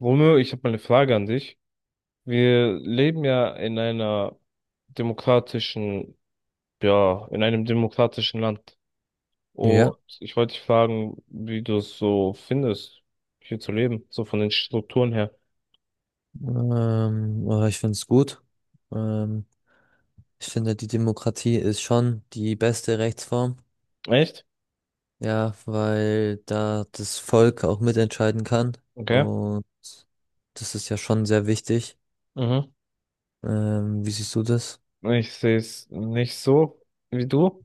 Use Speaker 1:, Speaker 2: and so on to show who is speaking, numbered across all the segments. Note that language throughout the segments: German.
Speaker 1: Romeo, ich habe mal eine Frage an dich. Wir leben ja in einer demokratischen, ja, in einem demokratischen Land.
Speaker 2: Ja,
Speaker 1: Und ich wollte dich fragen, wie du es so findest, hier zu leben, so von den Strukturen her.
Speaker 2: aber ich finde es gut. Ähm, Ich finde, die Demokratie ist schon die beste Rechtsform.
Speaker 1: Echt?
Speaker 2: Ja, weil da das Volk auch mitentscheiden kann.
Speaker 1: Okay.
Speaker 2: Und das ist ja schon sehr wichtig.
Speaker 1: Mhm.
Speaker 2: Wie siehst du das?
Speaker 1: Ich sehe es nicht so wie du.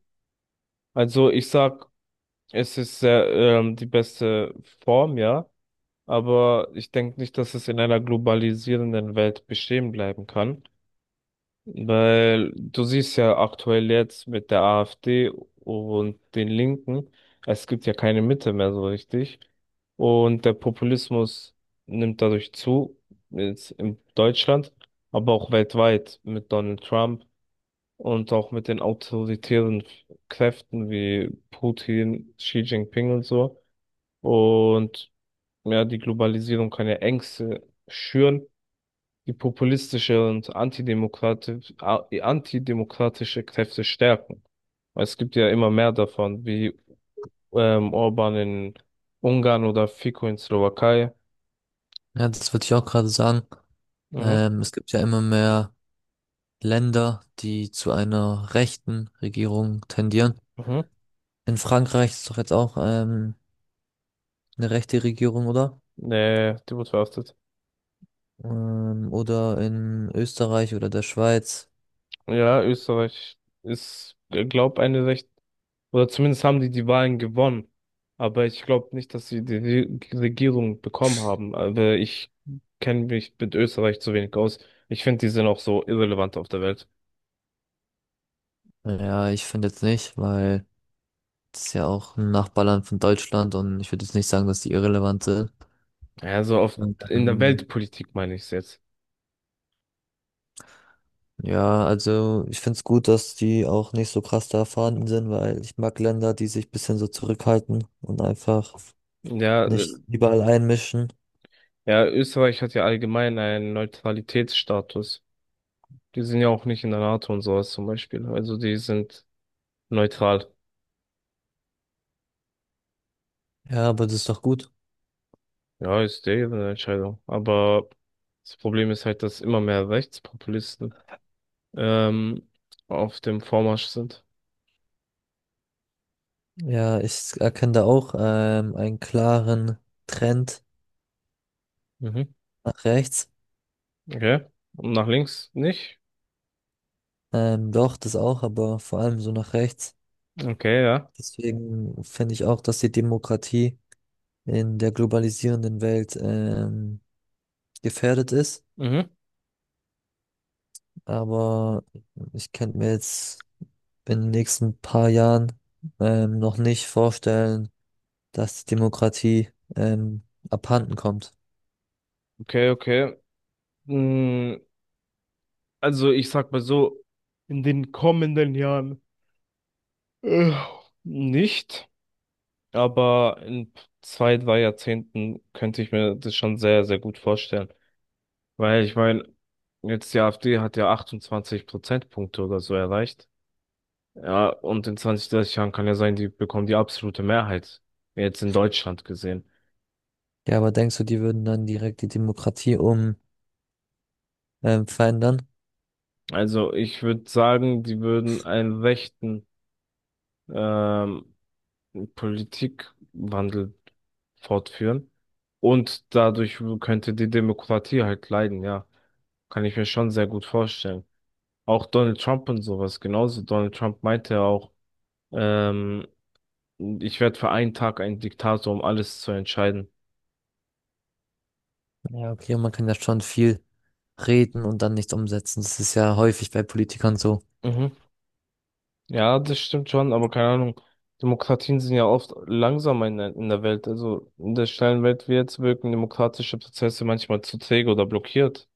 Speaker 1: Also ich sag, es ist sehr, die beste Form, ja. Aber ich denke nicht, dass es in einer globalisierenden Welt bestehen bleiben kann. Weil du siehst ja aktuell jetzt mit der AfD und den Linken, es gibt ja keine Mitte mehr so richtig. Und der Populismus nimmt dadurch zu, jetzt in Deutschland, aber auch weltweit mit Donald Trump und auch mit den autoritären Kräften wie Putin, Xi Jinping und so. Und ja, die Globalisierung kann ja Ängste schüren, die populistische und antidemokratische Kräfte stärken. Weil es gibt ja immer mehr davon, wie Orban in Ungarn oder Fico in Slowakei.
Speaker 2: Ja, das würde ich auch gerade sagen.
Speaker 1: Mhm.
Speaker 2: Es gibt ja immer mehr Länder, die zu einer rechten Regierung tendieren.
Speaker 1: Mhm.
Speaker 2: In Frankreich ist doch jetzt auch eine rechte Regierung, oder?
Speaker 1: Nee, die wurde verhaftet.
Speaker 2: Oder in Österreich oder der Schweiz.
Speaker 1: Ja, Österreich ist, glaub, oder zumindest haben die Wahlen gewonnen. Aber ich glaube nicht, dass sie die Regierung bekommen haben. Aber ich kenne mich mit Österreich zu wenig aus. Ich finde, die sind auch so irrelevant auf der Welt.
Speaker 2: Ja, ich finde jetzt nicht, weil das ist ja auch ein Nachbarland von Deutschland und ich würde jetzt nicht sagen, dass die irrelevant sind.
Speaker 1: Ja, so auf,
Speaker 2: Und,
Speaker 1: in der
Speaker 2: ähm,
Speaker 1: Weltpolitik meine ich es jetzt.
Speaker 2: ja, also ich finde es gut, dass die auch nicht so krass da erfahren sind, weil ich mag Länder, die sich ein bisschen so zurückhalten und einfach
Speaker 1: Ja,
Speaker 2: nicht überall einmischen.
Speaker 1: ja, Österreich hat ja allgemein einen Neutralitätsstatus. Die sind ja auch nicht in der NATO und sowas zum Beispiel. Also die sind neutral.
Speaker 2: Ja, aber das ist doch gut.
Speaker 1: Ja, ist deren Entscheidung. Aber das Problem ist halt, dass immer mehr Rechtspopulisten ähm, auf dem Vormarsch sind.
Speaker 2: Ja, ich erkenne da auch einen klaren Trend
Speaker 1: Mhm.
Speaker 2: nach rechts.
Speaker 1: Okay. Und nach links nicht?
Speaker 2: Doch, das auch, aber vor allem so nach rechts.
Speaker 1: Okay, ja.
Speaker 2: Deswegen finde ich auch, dass die Demokratie in der globalisierenden Welt gefährdet ist.
Speaker 1: Mhm.
Speaker 2: Aber ich könnte mir jetzt in den nächsten paar Jahren noch nicht vorstellen, dass die Demokratie ähm, abhanden kommt.
Speaker 1: Okay, okay. Mm, Also ich sag mal so, in den kommenden Jahren. Äh, nicht, aber in 2, 3 Jahrzehnten könnte ich mir das schon sehr, sehr gut vorstellen. Weil ich meine, jetzt die AfD hat ja 28 Prozentpunkte oder so erreicht. Ja, und in 20, 30 Jahren kann ja sein, die bekommen die absolute Mehrheit. Jetzt in Deutschland gesehen.
Speaker 2: Ja, aber denkst du, die würden dann direkt die Demokratie um verändern?
Speaker 1: Also ich würde sagen, die würden einen rechten, ähm, Politikwandel fortführen. Und dadurch könnte die Demokratie halt leiden, ja. Kann ich mir schon sehr gut vorstellen. Auch Donald Trump und sowas genauso. Donald Trump meinte ja auch, ähm, ich werde für einen Tag ein Diktator, um alles zu entscheiden.
Speaker 2: Ja, okay, man kann ja schon viel reden und dann nichts umsetzen. Das ist ja häufig bei Politikern so.
Speaker 1: Mhm. Ja, das stimmt schon, aber keine Ahnung. Demokratien sind ja oft langsamer in der Welt. Also in der schnellen Welt wie jetzt wirken demokratische Prozesse manchmal zu träge oder blockiert.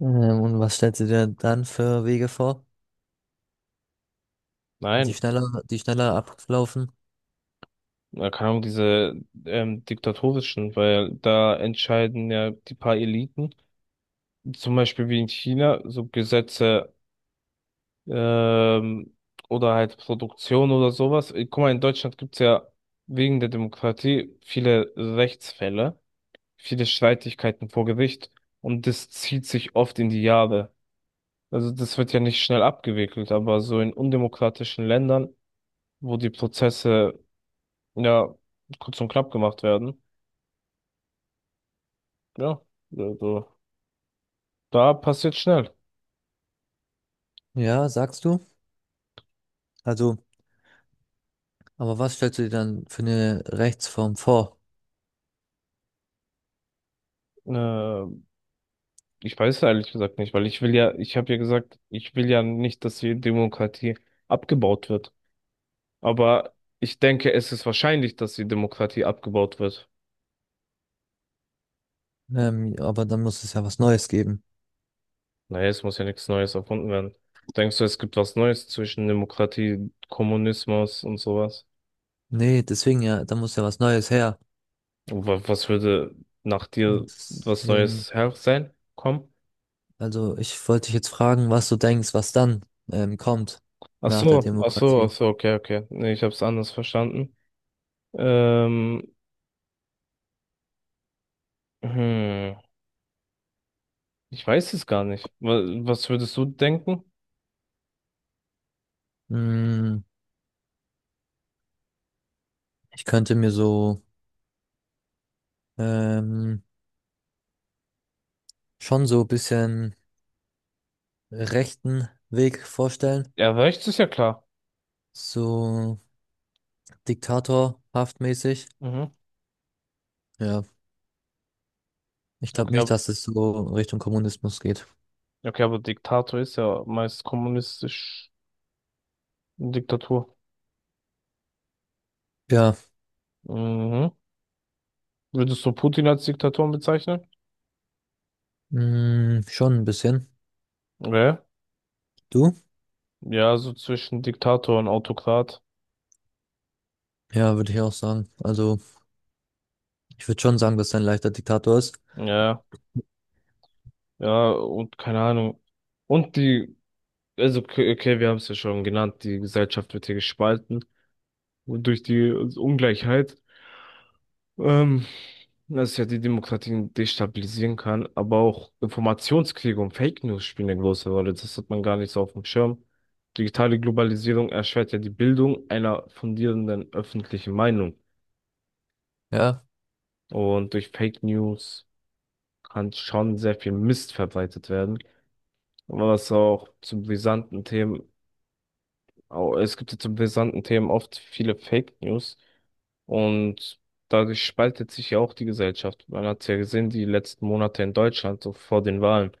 Speaker 2: Und was stellst du dir dann für Wege vor?
Speaker 1: Nein,
Speaker 2: Die schneller ablaufen.
Speaker 1: na, keine Ahnung, diese diktatorischen, weil da entscheiden ja die paar Eliten, zum Beispiel wie in China, so Gesetze, ähm, oder halt Produktion oder sowas. Guck mal, in Deutschland gibt's ja wegen der Demokratie viele Rechtsfälle, viele Streitigkeiten vor Gericht, und das zieht sich oft in die Jahre. Also das wird ja nicht schnell abgewickelt, aber so in undemokratischen Ländern, wo die Prozesse ja kurz und knapp gemacht werden, ja. Also, da passiert schnell.
Speaker 2: Ja, sagst du? Also, aber was stellst du dir dann für eine Rechtsform vor?
Speaker 1: Äh, Ich weiß ehrlich gesagt nicht, weil ich will ja, ich habe ja gesagt, ich will ja nicht, dass die Demokratie abgebaut wird. Aber ich denke, es ist wahrscheinlich, dass die Demokratie abgebaut wird.
Speaker 2: Aber dann muss es ja was Neues geben.
Speaker 1: Naja, es muss ja nichts Neues erfunden werden. Denkst du, es gibt was Neues zwischen Demokratie, Kommunismus und sowas?
Speaker 2: Nee, deswegen ja, da muss ja was Neues her.
Speaker 1: Was würde nach dir
Speaker 2: Und
Speaker 1: was
Speaker 2: deswegen,
Speaker 1: Neues her sein? Komm.
Speaker 2: also ich wollte dich jetzt fragen, was du denkst, was dann kommt
Speaker 1: Ach
Speaker 2: nach der
Speaker 1: so, ach so, ach
Speaker 2: Demokratie.
Speaker 1: so, okay, okay. Nee, ich habe es anders verstanden. Ähm, hm. Ich weiß es gar nicht. Was würdest du denken?
Speaker 2: Mm, ich könnte mir so ähm, schon so ein bisschen rechten Weg vorstellen.
Speaker 1: Ja, rechts ist ja klar.
Speaker 2: So diktatorhaft mäßig.
Speaker 1: Mhm.
Speaker 2: Ja. Ich glaube
Speaker 1: Okay,
Speaker 2: nicht,
Speaker 1: aber,
Speaker 2: dass es so Richtung Kommunismus geht.
Speaker 1: okay, aber Diktator ist ja meist kommunistisch, eine Diktatur.
Speaker 2: Ja,
Speaker 1: Mhm. Würdest du Putin als Diktator bezeichnen?
Speaker 2: mh, schon ein bisschen.
Speaker 1: Ja.
Speaker 2: Du?
Speaker 1: Ja, so zwischen Diktator und Autokrat.
Speaker 2: Ja, würde ich auch sagen. Also, ich würde schon sagen, dass er ein leichter Diktator ist.
Speaker 1: Ja, ja, und keine Ahnung. Und die, also, okay, okay, wir haben es ja schon genannt, die Gesellschaft wird hier gespalten durch die Ungleichheit. Ähm, dass ja die Demokratien destabilisieren kann, aber auch Informationskriege und Fake News spielen eine große Rolle. Das hat man gar nicht so auf dem Schirm. Digitale Globalisierung erschwert ja die Bildung einer fundierenden öffentlichen Meinung.
Speaker 2: Ja,
Speaker 1: Und durch Fake News kann schon sehr viel Mist verbreitet werden, was auch zu brisanten Themen, es gibt ja zu brisanten Themen oft viele Fake News, und dadurch spaltet sich ja auch die Gesellschaft. Man hat es ja gesehen, die letzten Monate in Deutschland, so vor den Wahlen.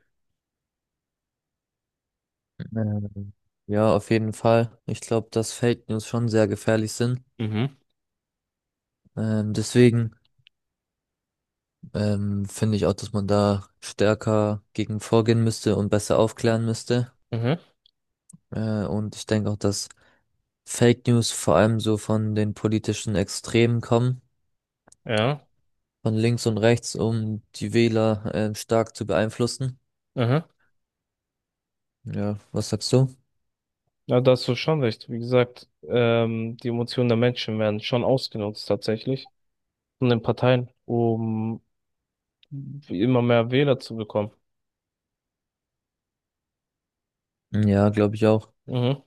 Speaker 2: Ähm, ja, auf jeden Fall. Ich glaube, dass Fake News schon sehr gefährlich sind.
Speaker 1: Mhm.
Speaker 2: Deswegen finde ich auch, dass man da stärker gegen vorgehen müsste und besser aufklären müsste.
Speaker 1: Mhm,
Speaker 2: Und ich denke auch, dass Fake News vor allem so von den politischen Extremen kommen.
Speaker 1: ja,
Speaker 2: Von links und rechts, um die Wähler stark zu beeinflussen.
Speaker 1: mhm.
Speaker 2: Ja, was sagst du?
Speaker 1: Ja, da hast du schon recht. Wie gesagt, die Emotionen der Menschen werden schon ausgenutzt tatsächlich von den Parteien, um immer mehr Wähler zu bekommen.
Speaker 2: Ja, glaube ich auch.
Speaker 1: Mhm.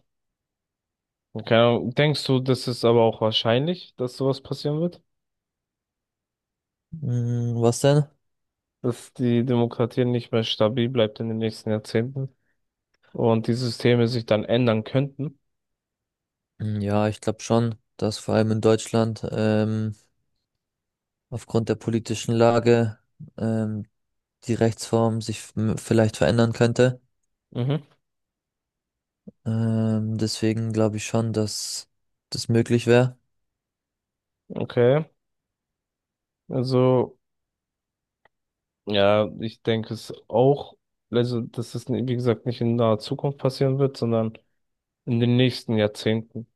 Speaker 1: Okay. Denkst du, das ist aber auch wahrscheinlich, dass sowas passieren wird?
Speaker 2: Hm, was denn?
Speaker 1: Dass die Demokratie nicht mehr stabil bleibt in den nächsten Jahrzehnten und die Systeme sich dann ändern könnten.
Speaker 2: Hm, ja, ich glaube schon, dass vor allem in Deutschland aufgrund der politischen Lage ähm, die Rechtsform sich vielleicht verändern könnte.
Speaker 1: Mhm.
Speaker 2: Deswegen glaube ich schon, dass das möglich wäre.
Speaker 1: Okay, also ja, ich denke es auch, also dass es, wie gesagt, nicht in naher Zukunft passieren wird, sondern in den nächsten Jahrzehnten.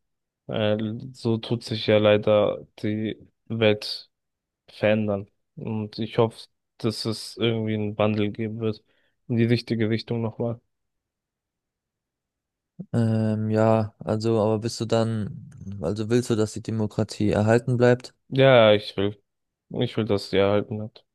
Speaker 1: Äh, so tut sich ja leider die Welt verändern. Und ich hoffe, dass es irgendwie einen Wandel geben wird in die richtige Richtung nochmal.
Speaker 2: Ja, also, aber bist du dann, also willst du, dass die Demokratie erhalten bleibt?
Speaker 1: Ja, ich will. Ich will, dass die erhalten wird.